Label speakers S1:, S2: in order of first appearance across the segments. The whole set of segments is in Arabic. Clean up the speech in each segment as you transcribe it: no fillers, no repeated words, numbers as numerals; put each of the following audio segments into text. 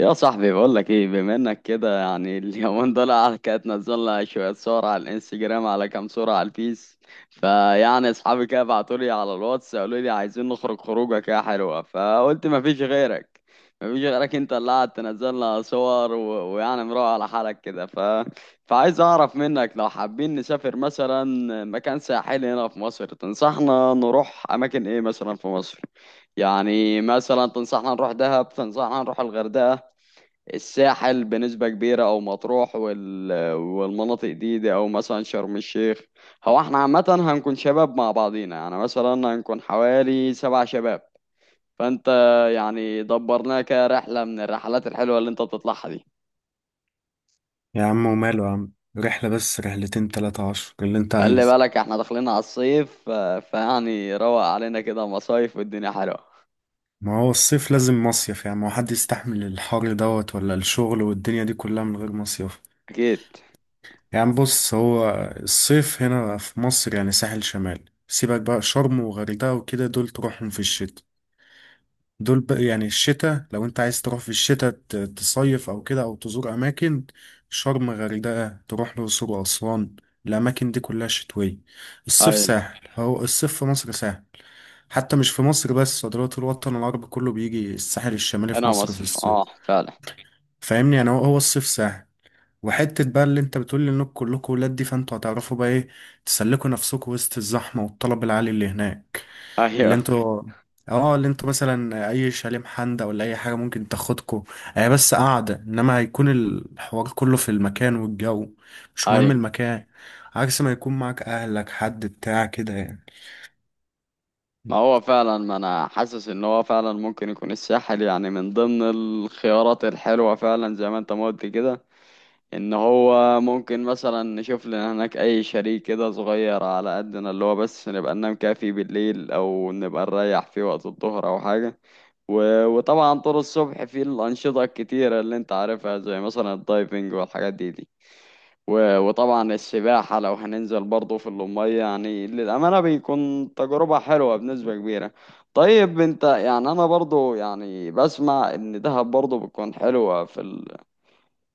S1: يا صاحبي بقول لك ايه، بما انك كده، يعني اليومين دول كانت نزلنا شويه صور على الانستجرام، على كام صوره على الفيس. فيعني اصحابي كده بعتوا لي على الواتس، قالوا لي عايزين نخرج خروجه كده حلوه. فقلت ما فيش غيرك، ما فيش غيرك انت اللي قاعد تنزل لنا صور ويعني مروق على حالك كده. فعايز اعرف منك لو حابين نسافر مثلا مكان ساحلي هنا في مصر، تنصحنا نروح اماكن ايه مثلا في مصر؟ يعني مثلا تنصحنا نروح دهب، تنصحنا نروح الغردقه، الساحل بنسبة كبيرة، أو مطروح والمناطق دي، أو مثلا شرم الشيخ. هو احنا عامة هنكون شباب مع بعضينا، يعني مثلا هنكون حوالي سبع شباب. فأنت، يعني دبرناها كرحلة من الرحلات الحلوة اللي أنت بتطلعها دي.
S2: يا عم وماله يا عم. رحلة بس رحلتين تلاتة عشر اللي انت
S1: خلي
S2: عايز.
S1: بالك احنا داخلين على الصيف، فيعني روق علينا كده، مصايف والدنيا حلوة.
S2: ما هو الصيف لازم مصيف، يعني ما هو حد يستحمل الحر دوت ولا الشغل والدنيا دي كلها من غير مصيف.
S1: أكيد.
S2: يعني بص هو، الصيف هنا في مصر يعني ساحل شمال، سيبك بقى شرم وغردقة وكده دول تروحهم في الشتاء. دول بقى يعني الشتاء، لو انت عايز تروح في الشتاء تصيف او كده او تزور اماكن. شرم غردقة، تروح الأقصر وأسوان. الأماكن دي كلها شتوية. الصيف
S1: أيوة.
S2: ساحل، هو الصيف في مصر ساحل. حتى مش في مصر بس، ده دلوقتي الوطن العربي كله بيجي الساحل الشمالي في
S1: هنا
S2: مصر في
S1: مصر،
S2: الصيف.
S1: أه فعلا.
S2: فاهمني يعني هو هو الصيف ساحل. وحتة بقى، اللي انت بتقول لي انكم كلكم ولاد دي، فانتوا هتعرفوا بقى ايه تسلكوا نفسكم وسط الزحمة والطلب العالي اللي هناك. اللي
S1: أيوة.
S2: انتوا اه اللي انتوا مثلا اي شاليه محندق ولا اي حاجة ممكن تاخدكوا. هي بس قاعدة، انما هيكون الحوار كله في المكان والجو، مش مهم
S1: أيوة.
S2: المكان. عكس ما يكون معاك اهلك حد بتاع كده يعني.
S1: ما هو فعلا، ما انا حاسس ان هو فعلا ممكن يكون الساحل يعني من ضمن الخيارات الحلوة، فعلا زي ما انت ما قلت كده. ان هو ممكن مثلا نشوف لنا هناك اي شريك كده صغير على قدنا، اللي هو بس نبقى ننام كده فيه بالليل، او نبقى نريح فيه وقت الظهر او حاجة. وطبعا طول الصبح في الانشطة الكتيرة اللي انت عارفها، زي مثلا الدايفنج والحاجات دي. وطبعا السباحة لو هننزل برضه في المية، يعني للأمانة بيكون تجربة حلوة بنسبة كبيرة. طيب انت، يعني انا برضه يعني بسمع ان دهب برضه بتكون حلوة في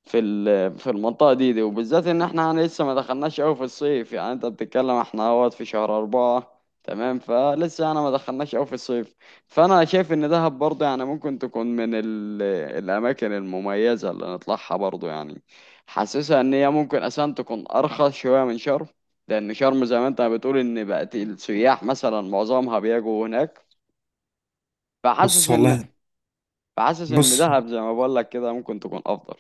S1: في المنطقة دي، وبالذات ان احنا يعني لسه ما دخلناش قوي في الصيف، يعني انت بتتكلم احنا اهوت في شهر اربعة تمام، فلسه انا ما دخلناش قوي في الصيف. فانا شايف ان دهب برضه يعني ممكن تكون من الاماكن المميزة اللي نطلعها برضه يعني. حاسسها ان هي ممكن اساسا تكون ارخص شوية من شرم، لان شرم زي ما انت بتقول ان بقت السياح مثلا معظمها بيجوا هناك. فحاسس
S2: بص
S1: ان
S2: والله،
S1: فحاسس ان
S2: بص
S1: دهب زي ما بقول لك كده ممكن تكون افضل.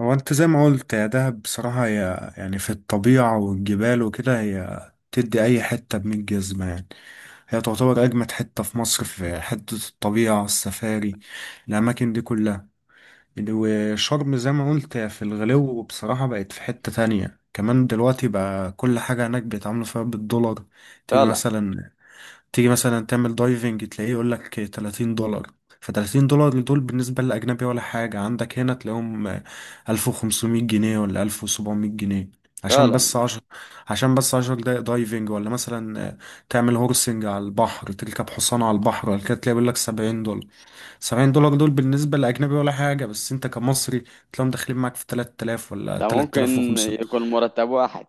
S2: هو انت زي ما قلت يا دهب، بصراحة هي يعني في الطبيعة والجبال وكده، هي تدي أي حتة بمية جزمة يعني. هي تعتبر أجمد حتة في مصر في حتة الطبيعة السفاري، الأماكن دي كلها. وشرم زي ما قلت هي في الغلو، بصراحة بقت في حتة تانية كمان دلوقتي، بقى كل حاجة هناك بيتعاملوا فيها بالدولار. تيجي
S1: فعلا.
S2: مثلا تيجي مثلا تعمل دايفنج تلاقيه يقول لك $30. ف $30 دول بالنسبة للأجنبي ولا حاجة، عندك هنا تلاقيهم 1500 جنيه ولا 1700 جنيه. عشان
S1: فعلا.
S2: بس عشر عشان بس 10 دقايق دايفنج. ولا مثلا تعمل هورسنج على البحر تركب حصان على البحر ولا كده تلاقي بيقول لك $70. $70 دول بالنسبة للأجنبي ولا حاجة، بس أنت كمصري تلاقيهم داخلين معاك في 3000 ولا
S1: ده ممكن
S2: 3500.
S1: يكون مرتب واحد.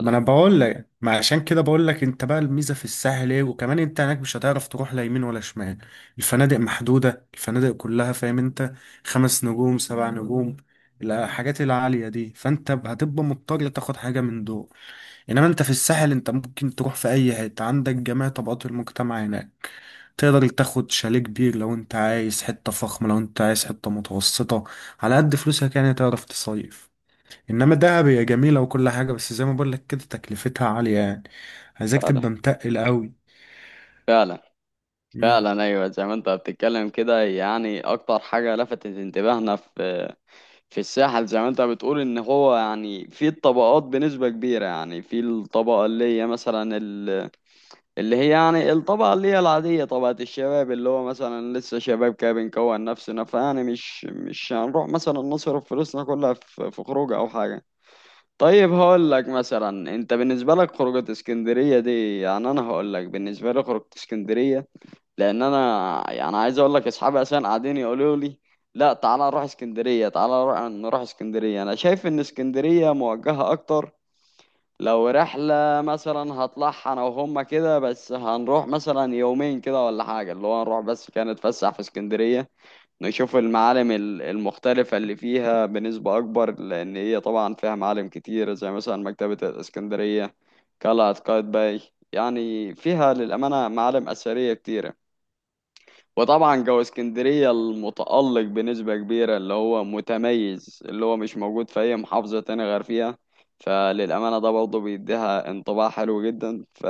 S2: ما انا بقول لك، ما عشان كده بقول لك، انت بقى الميزه في الساحل ايه. وكمان انت هناك مش هتعرف تروح لا يمين ولا شمال، الفنادق محدوده الفنادق كلها فاهم انت. 5 نجوم 7 نجوم، الحاجات العاليه دي، فانت هتبقى مضطر تاخد حاجه من دول. انما انت في الساحل انت ممكن تروح في اي حته، عندك جميع طبقات المجتمع هناك. تقدر تاخد شاليه كبير لو انت عايز حته فخمه، لو انت عايز حته متوسطه على قد فلوسك، يعني تعرف تصيف. انما دهب هي جميله وكل حاجه، بس زي ما بقول لك كده تكلفتها عاليه يعني، عايزاك
S1: فعلا.
S2: تبقى متقل قوي.
S1: فعلا.
S2: امم
S1: فعلا، ايوه زي ما انت بتتكلم كده، يعني اكتر حاجه لفتت انتباهنا في الساحل، زي ما انت بتقول ان هو يعني في الطبقات بنسبه كبيره، يعني في الطبقه اللي هي مثلا اللي هي يعني الطبقه اللي هي العاديه، طبقه الشباب اللي هو مثلا لسه شباب كده بنكون نفسنا، فيعني مش هنروح مثلا نصرف فلوسنا كلها في خروج او حاجه. طيب هقول لك مثلا، انت بالنسبه لك خروجه اسكندريه دي، يعني انا هقول لك بالنسبه لي خروجه اسكندريه، لان انا يعني عايز اقول لك اصحابي اصلا قاعدين يقولوا لي لا تعالى نروح اسكندريه، تعالى نروح اسكندريه. انا شايف ان اسكندريه موجهه اكتر. لو رحلة مثلا هطلعها أنا وهما كده، بس هنروح مثلا يومين كده ولا حاجة، اللي هو نروح بس كده نتفسح في اسكندرية، نشوف المعالم المختلفة اللي فيها بنسبة أكبر، لأن هي طبعا فيها معالم كتير زي مثلا مكتبة الإسكندرية، قلعة قايتباي. يعني فيها للأمانة معالم أثرية كتيرة، وطبعا جو اسكندرية المتألق بنسبة كبيرة اللي هو متميز اللي هو مش موجود في أي محافظة تانية غير فيها. فللأمانة ده برضه بيديها انطباع حلو جدا.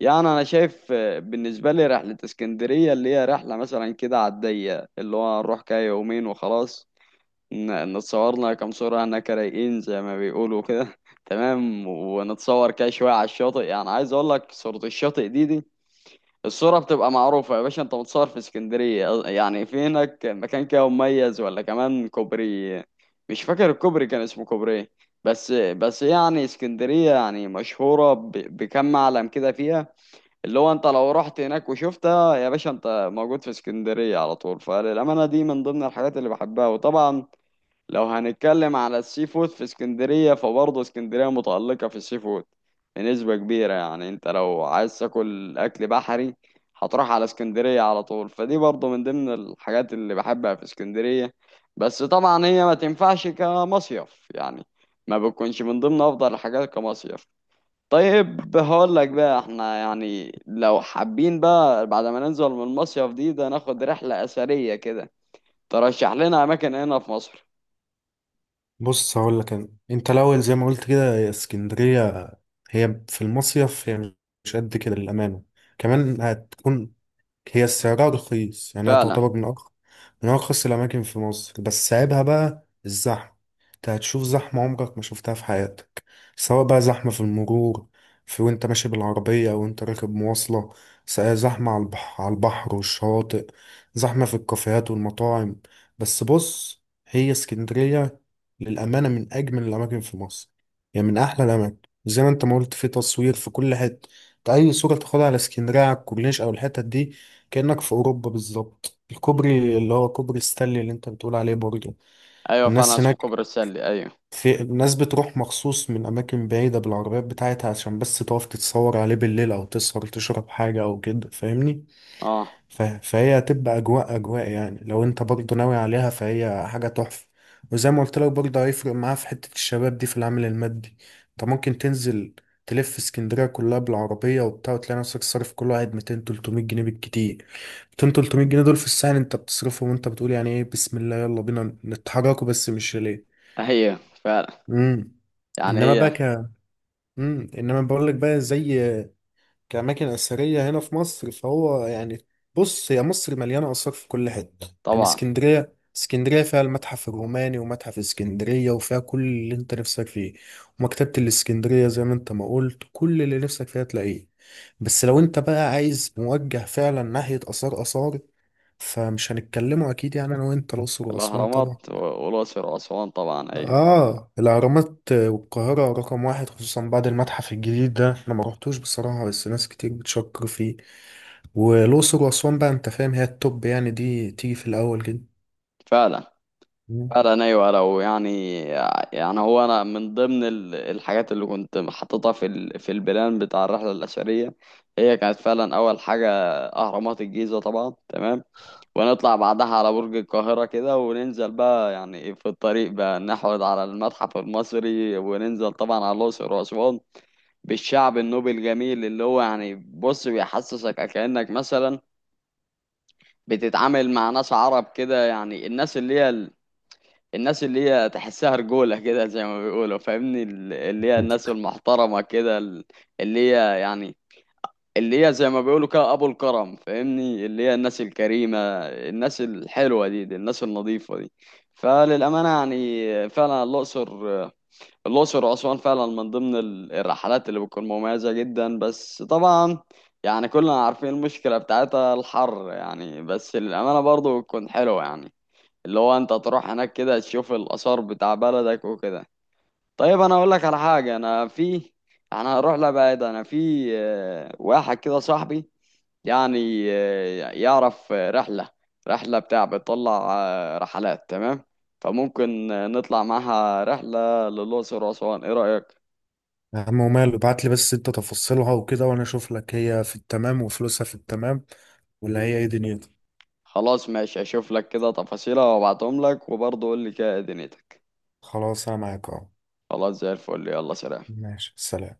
S1: يعني أنا شايف، بالنسبة لي رحلة اسكندرية اللي هي رحلة مثلا كده على الضيق، اللي هو نروح كده يومين وخلاص. نتصورنا كام صورة هناك رايقين زي ما بيقولوا كده تمام، ونتصور كده شوية على الشاطئ. يعني عايز أقول لك صورة الشاطئ دي، الصورة بتبقى معروفة يا باشا، انت متصور في اسكندرية، يعني في هناك مكان كده مميز ولا كمان كوبري. مش فاكر الكوبري كان اسمه كوبري ايه؟ بس يعني اسكندرية يعني مشهورة بكم معلم كده فيها، اللي هو انت لو رحت هناك وشفتها يا باشا انت موجود في اسكندرية على طول. فالأمانة دي من ضمن الحاجات اللي بحبها، وطبعا لو هنتكلم على السي فود في اسكندرية فبرضه اسكندرية متألقة في السي فود بنسبة كبيرة. يعني انت لو عايز تاكل اكل بحري هتروح على اسكندرية على طول، فدي برضه من ضمن الحاجات اللي بحبها في اسكندرية. بس طبعا هي ما تنفعش كمصيف يعني، ما بتكونش من ضمن افضل الحاجات كمصيف. طيب هقول لك بقى، احنا يعني لو حابين بقى بعد ما ننزل من المصيف دي ده، ناخد رحلة أثرية كده، ترشح لنا أماكن هنا في مصر؟
S2: بص هقول لك انا، انت الاول زي ما قلت كده هي اسكندريه، هي في المصيف هي مش قد كده للامانه. كمان هتكون هي سعرها رخيص، يعني هي
S1: فعلا
S2: تعتبر من أرخص من أرخص الأماكن في مصر، بس عيبها بقى الزحمة. أنت هتشوف زحمة عمرك ما شفتها في حياتك، سواء بقى زحمة في المرور وأنت ماشي بالعربية أو أنت راكب مواصلة، زحمة على البحر على البحر والشواطئ، زحمة في الكافيهات والمطاعم. بس بص، هي اسكندرية للأمانة من أجمل الأماكن في مصر، يعني من أحلى الأماكن. زي ما أنت ما قلت في تصوير في كل حتة، أنت أي صورة تاخدها على اسكندرية على الكورنيش أو الحتت دي كأنك في أوروبا بالظبط. الكوبري اللي هو كوبري ستانلي اللي أنت بتقول عليه برضه،
S1: ايوه، فعلا
S2: الناس
S1: اسمه
S2: هناك،
S1: كوبري السلي، ايوه.
S2: في الناس بتروح مخصوص من أماكن بعيدة بالعربيات بتاعتها عشان بس تقف تتصور عليه بالليل، أو تسهر تشرب حاجة أو كده فاهمني.
S1: اه.
S2: فهي هتبقى اجواء اجواء يعني، لو انت برضه ناوي عليها فهي حاجه تحفه. وزي ما قلت لك برضه هيفرق معاها في حته الشباب دي في العامل المادي. انت ممكن تنزل تلف اسكندريه كلها بالعربيه وبتاع، وتلاقي نفسك صارف كل واحد 200 300 جنيه بالكتير. 200 300 جنيه دول في الساعه انت بتصرفهم، وانت بتقول يعني ايه، بسم الله يلا بينا نتحركوا، بس مش ليه.
S1: هي فعلا،
S2: امم
S1: يعني
S2: انما بقى
S1: هي
S2: انما بقول لك بقى زي كأماكن أثرية هنا في مصر فهو يعني، بص هي مصر مليانة آثار في كل حتة. يعني
S1: طبعا.
S2: اسكندرية فيها المتحف الروماني ومتحف اسكندرية وفيها كل اللي انت نفسك فيه. ومكتبة الاسكندرية زي ما انت ما قلت كل اللي نفسك فيها تلاقيه. بس لو انت بقى عايز موجه فعلا ناحية آثار آثار، فمش هنتكلموا أكيد يعني أنا وأنت الأقصر وأسوان طبعا.
S1: الاهرامات والاقصر واسوان طبعا، ايوه.
S2: آه الأهرامات والقاهرة رقم واحد، خصوصا بعد المتحف الجديد ده، أنا ما رحتوش بصراحة بس ناس كتير بتشكر فيه. والاقصر واسوان بقى انت فاهم هي التوب، يعني دي تيجي في الاول كده.
S1: فعلا.
S2: مم.
S1: فعلا ايوه لو يعني، يعني هو انا من ضمن الحاجات اللي كنت حاططها في في البلان بتاع الرحله الاثريه، هي كانت فعلا اول حاجه اهرامات الجيزه طبعا، تمام. ونطلع بعدها على برج القاهره كده، وننزل بقى يعني في الطريق بقى نحود على المتحف المصري، وننزل طبعا على الاقصر واسوان بالشعب النوبي الجميل اللي هو يعني بص بيحسسك كأنك مثلا بتتعامل مع ناس عرب كده. يعني الناس اللي هي الناس اللي هي تحسها رجولة كده زي ما بيقولوا، فاهمني اللي هي الناس المحترمة كده، اللي هي يعني، اللي هي زي ما بيقولوا كده أبو الكرم، فاهمني اللي هي الناس الكريمة، الناس الحلوة دي، الناس النظيفة دي. فللأمانة يعني فعلا الأقصر وأسوان فعلا من ضمن الرحلات اللي بتكون مميزة جدا. بس طبعا يعني كلنا عارفين المشكلة بتاعتها الحر يعني، بس للأمانة برضه بتكون حلوة يعني، اللي هو أنت تروح هناك كده تشوف الآثار بتاع بلدك وكده. طيب أنا أقول لك على حاجة، أنا هروح لبعيد. أنا في واحد كده صاحبي، يعني يعرف، رحلة بتاع بتطلع رحلات تمام، فممكن نطلع معاها رحلة للأقصر وأسوان، إيه رأيك؟
S2: يا عم وماله، ابعت لي بس انت تفاصيلها وكده وانا اشوف لك هي في التمام وفلوسها في التمام، ولا هي ايه دنيتها.
S1: خلاص ماشي، اشوف لك كده تفاصيلها وابعتهم لك، وبرضه قول لي كده إيه دنيتك.
S2: خلاص انا معاك اهو.
S1: خلاص زي الفل، يلا سلام.
S2: ماشي سلام.